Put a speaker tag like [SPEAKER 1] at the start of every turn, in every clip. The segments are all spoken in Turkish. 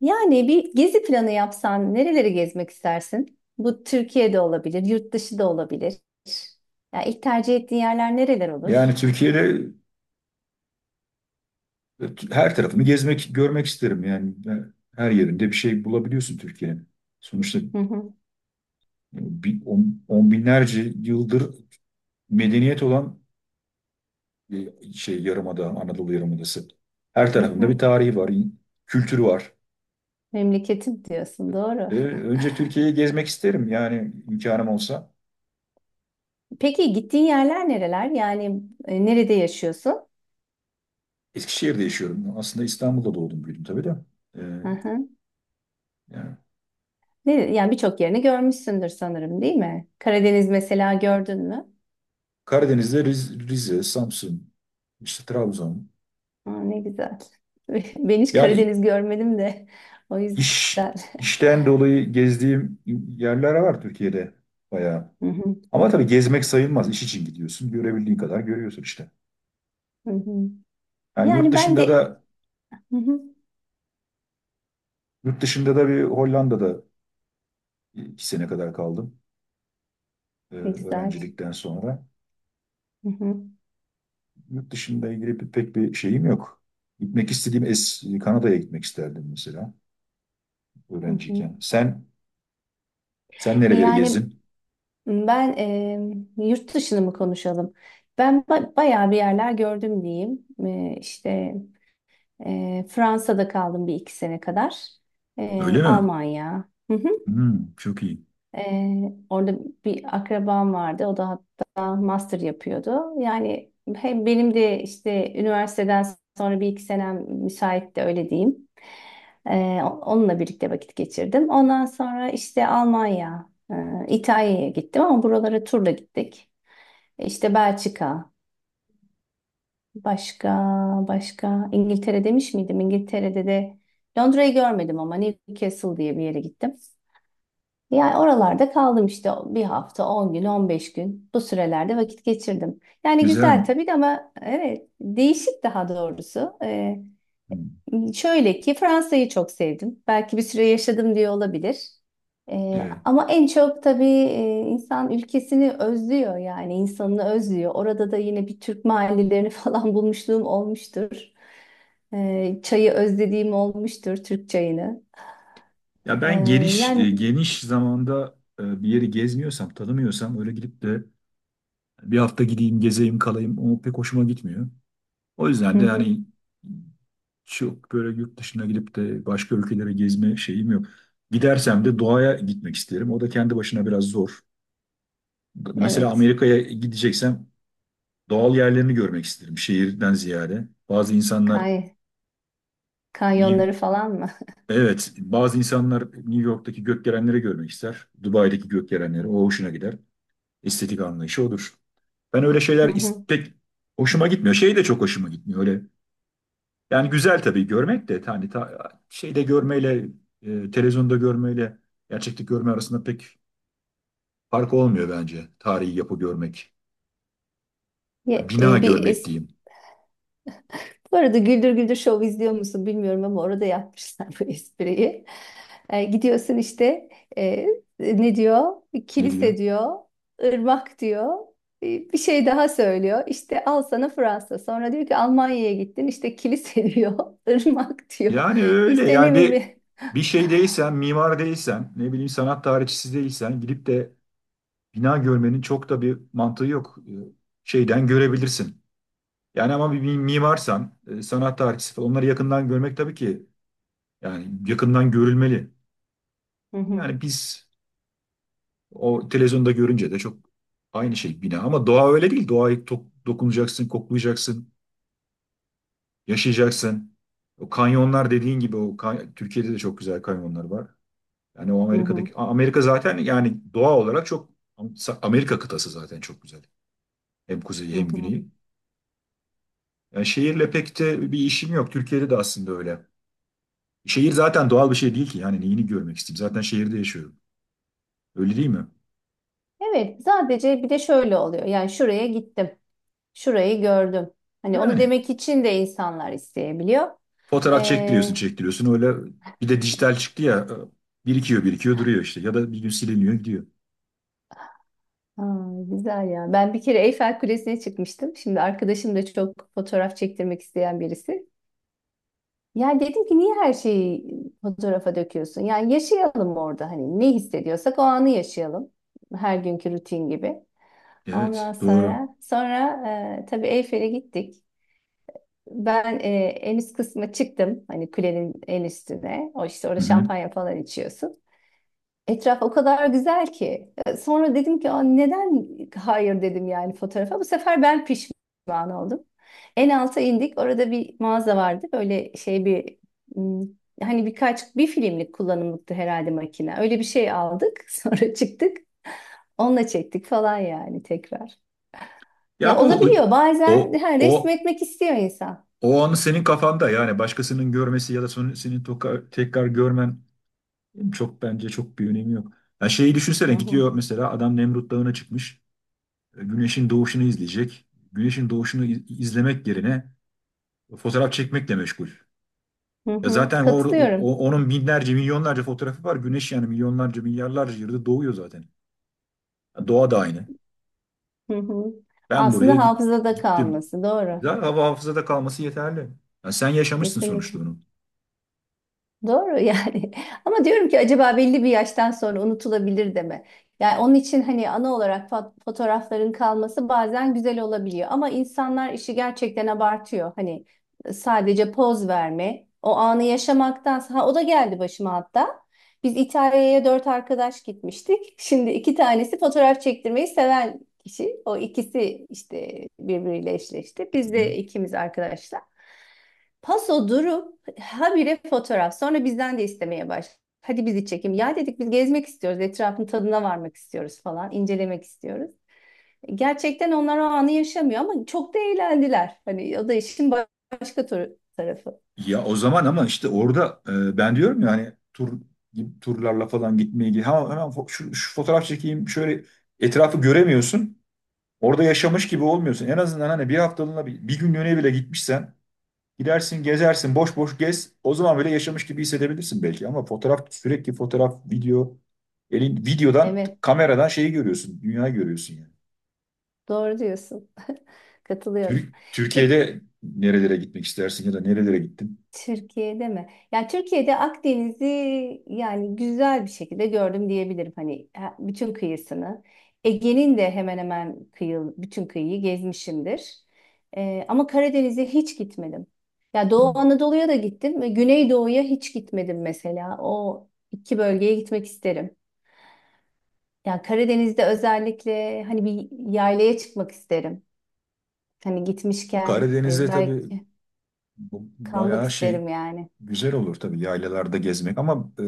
[SPEAKER 1] Yani bir gezi planı yapsan nereleri gezmek istersin? Bu Türkiye'de olabilir, yurt dışı da olabilir. Ya ilk tercih ettiğin yerler nereler olur?
[SPEAKER 2] Yani Türkiye'de her tarafını gezmek, görmek isterim. Yani her yerinde bir şey bulabiliyorsun Türkiye'nin. Sonuçta
[SPEAKER 1] Hı hı,
[SPEAKER 2] on binlerce yıldır medeniyet olan şey yarımada, Anadolu Yarımadası. Her
[SPEAKER 1] hı
[SPEAKER 2] tarafında bir
[SPEAKER 1] hı.
[SPEAKER 2] tarihi var, kültürü var.
[SPEAKER 1] Memleketim diyorsun, doğru.
[SPEAKER 2] Önce Türkiye'yi gezmek isterim yani imkanım olsa.
[SPEAKER 1] Peki gittiğin yerler nereler? Yani nerede yaşıyorsun?
[SPEAKER 2] Eskişehir'de yaşıyorum. Aslında İstanbul'da doğdum büyüdüm tabii de. E,
[SPEAKER 1] Hı hı.
[SPEAKER 2] Yani
[SPEAKER 1] Ne, yani birçok yerini görmüşsündür sanırım, değil mi? Karadeniz mesela gördün mü?
[SPEAKER 2] Karadeniz'de Rize, Samsun, işte Trabzon.
[SPEAKER 1] Aa, ne güzel. Ben hiç
[SPEAKER 2] Yani
[SPEAKER 1] Karadeniz görmedim de o
[SPEAKER 2] İş,
[SPEAKER 1] yüzden.
[SPEAKER 2] işten dolayı gezdiğim yerler var Türkiye'de bayağı.
[SPEAKER 1] Hı hı,
[SPEAKER 2] Ama tabii gezmek sayılmaz. İş için gidiyorsun. Görebildiğin kadar görüyorsun işte.
[SPEAKER 1] hı hı.
[SPEAKER 2] Yani yurt
[SPEAKER 1] Yani ben
[SPEAKER 2] dışında
[SPEAKER 1] de.
[SPEAKER 2] da
[SPEAKER 1] Hı hı.
[SPEAKER 2] yurt dışında da bir Hollanda'da 2 sene kadar kaldım
[SPEAKER 1] Ne güzel.
[SPEAKER 2] öğrencilikten sonra.
[SPEAKER 1] Hı hı,
[SPEAKER 2] Yurt dışında ilgili pek bir şeyim yok. Gitmek istediğim Kanada'ya gitmek isterdim mesela
[SPEAKER 1] hı hı.
[SPEAKER 2] öğrenciyken. Sen
[SPEAKER 1] E
[SPEAKER 2] nereleri
[SPEAKER 1] Yani
[SPEAKER 2] gezdin?
[SPEAKER 1] ben, yurt dışını mı konuşalım? Bayağı bir yerler gördüm diyeyim. İşte Fransa'da kaldım bir iki sene kadar.
[SPEAKER 2] Öyle mi?
[SPEAKER 1] Almanya. Hı hı.
[SPEAKER 2] Hmm, çok iyi.
[SPEAKER 1] Orada bir akrabam vardı. O da hatta master yapıyordu. Yani hem benim de işte üniversiteden sonra bir iki senem müsaitti öyle diyeyim. Onunla birlikte vakit geçirdim. Ondan sonra işte Almanya, İtalya'ya gittim ama buralara turla gittik. İşte Belçika, başka başka İngiltere demiş miydim? İngiltere'de de Londra'yı görmedim ama Newcastle diye bir yere gittim. Yani oralarda kaldım işte bir hafta, 10 gün, 15 gün bu sürelerde vakit geçirdim. Yani
[SPEAKER 2] Güzel.
[SPEAKER 1] güzel tabii de ama evet değişik daha doğrusu.
[SPEAKER 2] Hmm,
[SPEAKER 1] Şöyle ki Fransa'yı çok sevdim. Belki bir süre yaşadım diye olabilir.
[SPEAKER 2] evet.
[SPEAKER 1] Ama en çok tabii insan ülkesini özlüyor yani insanını özlüyor. Orada da yine bir Türk mahallelerini falan bulmuşluğum olmuştur. Çayı özlediğim olmuştur, Türk çayını.
[SPEAKER 2] Ya
[SPEAKER 1] Ee,
[SPEAKER 2] ben
[SPEAKER 1] Yani
[SPEAKER 2] geniş zamanda bir yeri gezmiyorsam, tanımıyorsam öyle gidip de bir hafta gideyim, gezeyim, kalayım o pek hoşuma gitmiyor. O
[SPEAKER 1] hı
[SPEAKER 2] yüzden de
[SPEAKER 1] hı,
[SPEAKER 2] hani çok böyle yurt dışına gidip de başka ülkelere gezme şeyim yok. Gidersem de doğaya gitmek isterim. O da kendi başına biraz zor. Mesela
[SPEAKER 1] evet.
[SPEAKER 2] Amerika'ya gideceksem doğal yerlerini görmek isterim şehirden ziyade. Bazı insanlar
[SPEAKER 1] Kay
[SPEAKER 2] New-
[SPEAKER 1] Kanyonları falan mı?
[SPEAKER 2] evet, bazı insanlar New York'taki gökdelenleri görmek ister. Dubai'deki gökdelenleri o hoşuna gider. Estetik anlayışı odur. Ben öyle
[SPEAKER 1] Hı
[SPEAKER 2] şeyler
[SPEAKER 1] hı.
[SPEAKER 2] pek hoşuma gitmiyor. Şey de çok hoşuma gitmiyor. Öyle yani güzel tabii görmek de hani şeyde görmeyle televizyonda görmeyle gerçeklik görme arasında pek fark olmuyor bence. Tarihi yapı görmek. Yani
[SPEAKER 1] Ye-
[SPEAKER 2] bina
[SPEAKER 1] e, Bir
[SPEAKER 2] görmek
[SPEAKER 1] es-
[SPEAKER 2] diyeyim.
[SPEAKER 1] Bu arada Güldür Güldür Show izliyor musun bilmiyorum ama orada yapmışlar bu espriyi. Gidiyorsun işte, e, ne diyor?
[SPEAKER 2] Ne diyor?
[SPEAKER 1] Kilise diyor, ırmak diyor. Bir şey daha söylüyor. İşte al sana Fransa. Sonra diyor ki Almanya'ya gittin. İşte kilise diyor, ırmak diyor.
[SPEAKER 2] Yani öyle
[SPEAKER 1] İşte
[SPEAKER 2] yani
[SPEAKER 1] ne
[SPEAKER 2] bir
[SPEAKER 1] bileyim.
[SPEAKER 2] bir şey değilsen, mimar değilsen, ne bileyim sanat tarihçisi değilsen gidip de bina görmenin çok da bir mantığı yok. Şeyden görebilirsin. Yani ama bir mimarsan, sanat tarihçisi falan onları yakından görmek tabii ki yani yakından görülmeli.
[SPEAKER 1] Hı hı,
[SPEAKER 2] Yani biz o televizyonda görünce de çok aynı şey bina ama doğa öyle değil. Doğayı dokunacaksın, koklayacaksın, yaşayacaksın. O kanyonlar dediğin gibi o Türkiye'de de çok güzel kanyonlar var. Yani o
[SPEAKER 1] hı hı,
[SPEAKER 2] Amerika'daki Amerika zaten yani doğa olarak çok Amerika kıtası zaten çok güzel. Hem
[SPEAKER 1] hı
[SPEAKER 2] kuzeyi hem
[SPEAKER 1] hı.
[SPEAKER 2] güneyi. Yani şehirle pek de bir işim yok. Türkiye'de de aslında öyle. Şehir zaten doğal bir şey değil ki. Yani neyini görmek isteyeyim? Zaten şehirde yaşıyorum. Öyle değil mi?
[SPEAKER 1] Evet, sadece bir de şöyle oluyor. Yani şuraya gittim. Şurayı gördüm. Hani onu
[SPEAKER 2] Yani
[SPEAKER 1] demek için de insanlar isteyebiliyor.
[SPEAKER 2] fotoğraf çektiriyorsun,
[SPEAKER 1] Ee,
[SPEAKER 2] çektiriyorsun. Öyle bir de dijital çıktı ya. Birikiyor, birikiyor, duruyor işte. Ya da bir gün siliniyor, gidiyor.
[SPEAKER 1] Aa, güzel ya. Ben bir kere Eyfel Kulesi'ne çıkmıştım. Şimdi arkadaşım da çok fotoğraf çektirmek isteyen birisi. Ya dedim ki niye her şeyi fotoğrafa döküyorsun? Yani yaşayalım orada, hani ne hissediyorsak o anı yaşayalım. Her günkü rutin gibi. Ondan
[SPEAKER 2] Evet, doğru.
[SPEAKER 1] sonra tabii Eyfel'e gittik. Ben, en üst kısma çıktım. Hani kulenin en üstüne. O işte orada
[SPEAKER 2] Hı hı.
[SPEAKER 1] şampanya falan içiyorsun. Etraf o kadar güzel ki. Sonra dedim ki, "Aa, neden hayır," dedim yani fotoğrafa. Bu sefer ben pişman oldum. En alta indik. Orada bir mağaza vardı. Böyle şey bir, hmm, hani birkaç bir filmlik kullanımlıktı herhalde makine. Öyle bir şey aldık. Sonra çıktık. Onunla çektik falan yani tekrar. Ya
[SPEAKER 2] Ya bu
[SPEAKER 1] olabiliyor. Bazen
[SPEAKER 2] o
[SPEAKER 1] ha,
[SPEAKER 2] o
[SPEAKER 1] resmetmek istiyor insan.
[SPEAKER 2] o anı senin kafanda yani başkasının görmesi ya da senin tekrar görmen çok bence çok bir önemi yok. Ya şeyi
[SPEAKER 1] Hı
[SPEAKER 2] düşünsene
[SPEAKER 1] hı.
[SPEAKER 2] gidiyor mesela adam Nemrut Dağı'na çıkmış. Güneşin doğuşunu izleyecek. Güneşin doğuşunu izlemek yerine fotoğraf çekmekle meşgul.
[SPEAKER 1] Hı
[SPEAKER 2] Ya
[SPEAKER 1] hı.
[SPEAKER 2] zaten
[SPEAKER 1] Katılıyorum.
[SPEAKER 2] onun binlerce, milyonlarca fotoğrafı var. Güneş yani milyonlarca, milyarlarca yılda doğuyor zaten. Ya doğa da aynı.
[SPEAKER 1] Hı hı.
[SPEAKER 2] Ben
[SPEAKER 1] Aslında hafızada
[SPEAKER 2] gittim.
[SPEAKER 1] kalması. Doğru.
[SPEAKER 2] Güzel hava hafızada kalması yeterli. Ya sen yaşamışsın sonuçta
[SPEAKER 1] Kesinlikle.
[SPEAKER 2] onu.
[SPEAKER 1] Doğru yani. Ama diyorum ki acaba belli bir yaştan sonra unutulabilir de mi? Yani onun için hani ana olarak fotoğrafların kalması bazen güzel olabiliyor. Ama insanlar işi gerçekten abartıyor. Hani sadece poz verme, o anı yaşamaktansa. Ha, o da geldi başıma hatta. Biz İtalya'ya dört arkadaş gitmiştik. Şimdi iki tanesi fotoğraf çektirmeyi seven kişi. O ikisi işte birbiriyle eşleşti.
[SPEAKER 2] Hı
[SPEAKER 1] Biz
[SPEAKER 2] hı.
[SPEAKER 1] de ikimiz arkadaşlar. Paso durup habire fotoğraf. Sonra bizden de istemeye baş. Hadi bizi çekim. Ya dedik biz gezmek istiyoruz. Etrafın tadına varmak istiyoruz falan. İncelemek istiyoruz. Gerçekten onlar o anı yaşamıyor ama çok da eğlendiler. Hani o da işin başka tarafı.
[SPEAKER 2] Ya o zaman ama işte orada ben diyorum ya hani turlarla falan gitmeyi hemen, hemen şu fotoğraf çekeyim şöyle etrafı göremiyorsun. Orada yaşamış gibi olmuyorsun. En azından hani bir haftalığına bir günlüğüne bile gitmişsen gidersin, gezersin, boş boş gez. O zaman böyle yaşamış gibi hissedebilirsin belki. Ama fotoğraf, sürekli fotoğraf, video, elin videodan,
[SPEAKER 1] Evet,
[SPEAKER 2] kameradan şeyi görüyorsun, dünyayı görüyorsun yani.
[SPEAKER 1] doğru diyorsun. Katılıyorum. Peki
[SPEAKER 2] Türkiye'de nerelere gitmek istersin ya da nerelere gittin?
[SPEAKER 1] Türkiye'de mi? Ya Türkiye'de Akdeniz'i yani güzel bir şekilde gördüm diyebilirim. Hani bütün kıyısını. Ege'nin de hemen hemen bütün kıyıyı gezmişimdir. Ama Karadeniz'e hiç gitmedim. Ya
[SPEAKER 2] Hmm.
[SPEAKER 1] Doğu Anadolu'ya da gittim ve Güneydoğu'ya hiç gitmedim mesela. O iki bölgeye gitmek isterim. Ya Karadeniz'de özellikle hani bir yaylaya çıkmak isterim. Hani gitmişken,
[SPEAKER 2] Karadeniz'de tabii
[SPEAKER 1] belki
[SPEAKER 2] bu
[SPEAKER 1] kalmak
[SPEAKER 2] bayağı şey
[SPEAKER 1] isterim yani.
[SPEAKER 2] güzel olur tabii yaylalarda gezmek ama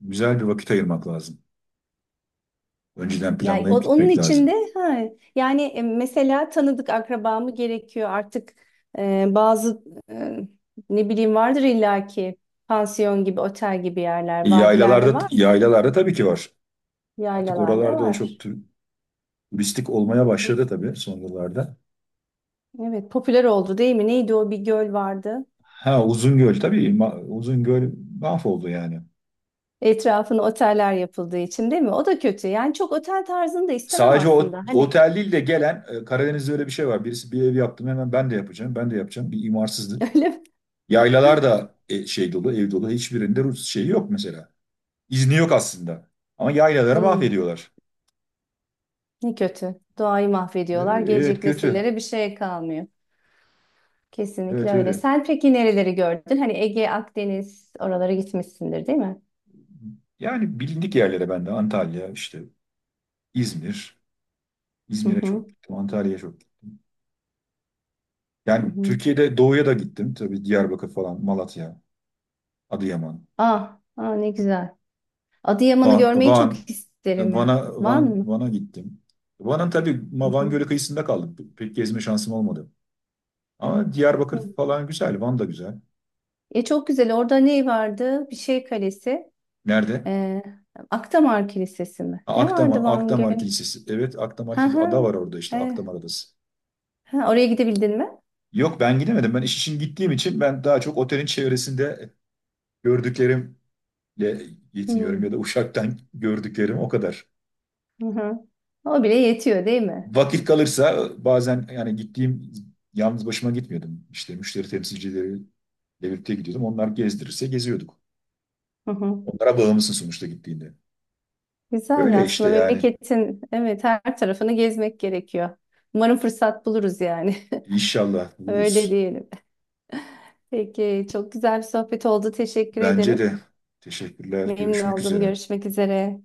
[SPEAKER 2] güzel bir vakit ayırmak lazım. Önceden
[SPEAKER 1] Yani
[SPEAKER 2] planlayıp
[SPEAKER 1] onun
[SPEAKER 2] gitmek
[SPEAKER 1] içinde,
[SPEAKER 2] lazım.
[SPEAKER 1] ha, yani, mesela tanıdık akrabamı gerekiyor artık, bazı, e, ne bileyim vardır illaki pansiyon gibi otel gibi
[SPEAKER 2] E,
[SPEAKER 1] yerler, vadilerde
[SPEAKER 2] yaylalarda
[SPEAKER 1] var mı?
[SPEAKER 2] yaylalarda tabii ki var. Artık
[SPEAKER 1] Yaylalarda
[SPEAKER 2] oralarda da çok
[SPEAKER 1] var.
[SPEAKER 2] turistik olmaya başladı tabii son yıllarda.
[SPEAKER 1] Evet, popüler oldu değil mi? Neydi, o bir göl vardı.
[SPEAKER 2] Ha Uzungöl tabii Uzungöl mahvoldu yani.
[SPEAKER 1] Etrafına oteller yapıldığı için değil mi? O da kötü. Yani çok otel tarzını da istemem
[SPEAKER 2] Sadece o
[SPEAKER 1] aslında. Hani
[SPEAKER 2] otel değil de gelen Karadeniz'de öyle bir şey var. Birisi bir ev yaptım hemen ben de yapacağım. Ben de yapacağım. Bir imarsızlık.
[SPEAKER 1] öyle mi?
[SPEAKER 2] Yaylalar da şey dolu, ev dolu. Hiçbirinde Rus şeyi yok mesela. İzni yok aslında. Ama yaylaları
[SPEAKER 1] Hmm,
[SPEAKER 2] mahvediyorlar.
[SPEAKER 1] Ne kötü. Doğayı mahvediyorlar.
[SPEAKER 2] Evet
[SPEAKER 1] Gelecek
[SPEAKER 2] kötü.
[SPEAKER 1] nesillere bir şey kalmıyor. Kesinlikle
[SPEAKER 2] Evet
[SPEAKER 1] öyle.
[SPEAKER 2] öyle.
[SPEAKER 1] Sen peki nereleri gördün? Hani Ege, Akdeniz oralara gitmişsindir, değil mi?
[SPEAKER 2] Yani bilindik yerlere ben de Antalya işte İzmir.
[SPEAKER 1] Hı
[SPEAKER 2] İzmir'e
[SPEAKER 1] hı.
[SPEAKER 2] çok gittim. Antalya'ya çok gittim.
[SPEAKER 1] Hı
[SPEAKER 2] Yani
[SPEAKER 1] hı.
[SPEAKER 2] Türkiye'de doğuya da gittim. Tabii Diyarbakır falan, Malatya, Adıyaman.
[SPEAKER 1] Ah, ah ne güzel. Adıyaman'ı
[SPEAKER 2] Van,
[SPEAKER 1] görmeyi
[SPEAKER 2] Van,
[SPEAKER 1] çok isterim ya. Van mı?
[SPEAKER 2] Van'a gittim. Van'ın tabii
[SPEAKER 1] Hı
[SPEAKER 2] Van
[SPEAKER 1] hı.
[SPEAKER 2] Gölü kıyısında kaldık. Pek gezme şansım olmadı. Ama
[SPEAKER 1] Hı.
[SPEAKER 2] Diyarbakır falan güzel, Van da güzel.
[SPEAKER 1] Çok güzel. Orada ne vardı? Bir şey kalesi.
[SPEAKER 2] Nerede?
[SPEAKER 1] Ee, Akdamar Kilisesi mi?
[SPEAKER 2] Ha,
[SPEAKER 1] Ne vardı Van
[SPEAKER 2] Akdamar
[SPEAKER 1] Gölü?
[SPEAKER 2] Kilisesi. Evet, Akdamar
[SPEAKER 1] Ha
[SPEAKER 2] Kilisesi.
[SPEAKER 1] ha.
[SPEAKER 2] Ada var orada işte,
[SPEAKER 1] E,
[SPEAKER 2] Akdamar Adası.
[SPEAKER 1] ha, Oraya gidebildin mi?
[SPEAKER 2] Yok ben gidemedim. Ben iş için gittiğim için ben daha çok otelin çevresinde gördüklerimle
[SPEAKER 1] Hı.
[SPEAKER 2] yetiniyorum ya da uçaktan gördüklerim o kadar.
[SPEAKER 1] Hı hı. O bile yetiyor, değil mi?
[SPEAKER 2] Vakit kalırsa bazen yani gittiğim yalnız başıma gitmiyordum. İşte müşteri temsilcileri devlette gidiyordum. Onlar gezdirirse geziyorduk.
[SPEAKER 1] Hı hı.
[SPEAKER 2] Onlara bağımlısın sonuçta gittiğinde.
[SPEAKER 1] Güzel ya,
[SPEAKER 2] Öyle işte
[SPEAKER 1] aslında
[SPEAKER 2] yani.
[SPEAKER 1] memleketin evet her tarafını gezmek gerekiyor. Umarım fırsat buluruz yani.
[SPEAKER 2] İnşallah
[SPEAKER 1] Öyle
[SPEAKER 2] buluruz.
[SPEAKER 1] diyelim. Peki, çok güzel bir sohbet oldu. Teşekkür
[SPEAKER 2] Bence
[SPEAKER 1] ederim.
[SPEAKER 2] de. Teşekkürler.
[SPEAKER 1] Memnun
[SPEAKER 2] Görüşmek
[SPEAKER 1] oldum.
[SPEAKER 2] üzere.
[SPEAKER 1] Görüşmek üzere.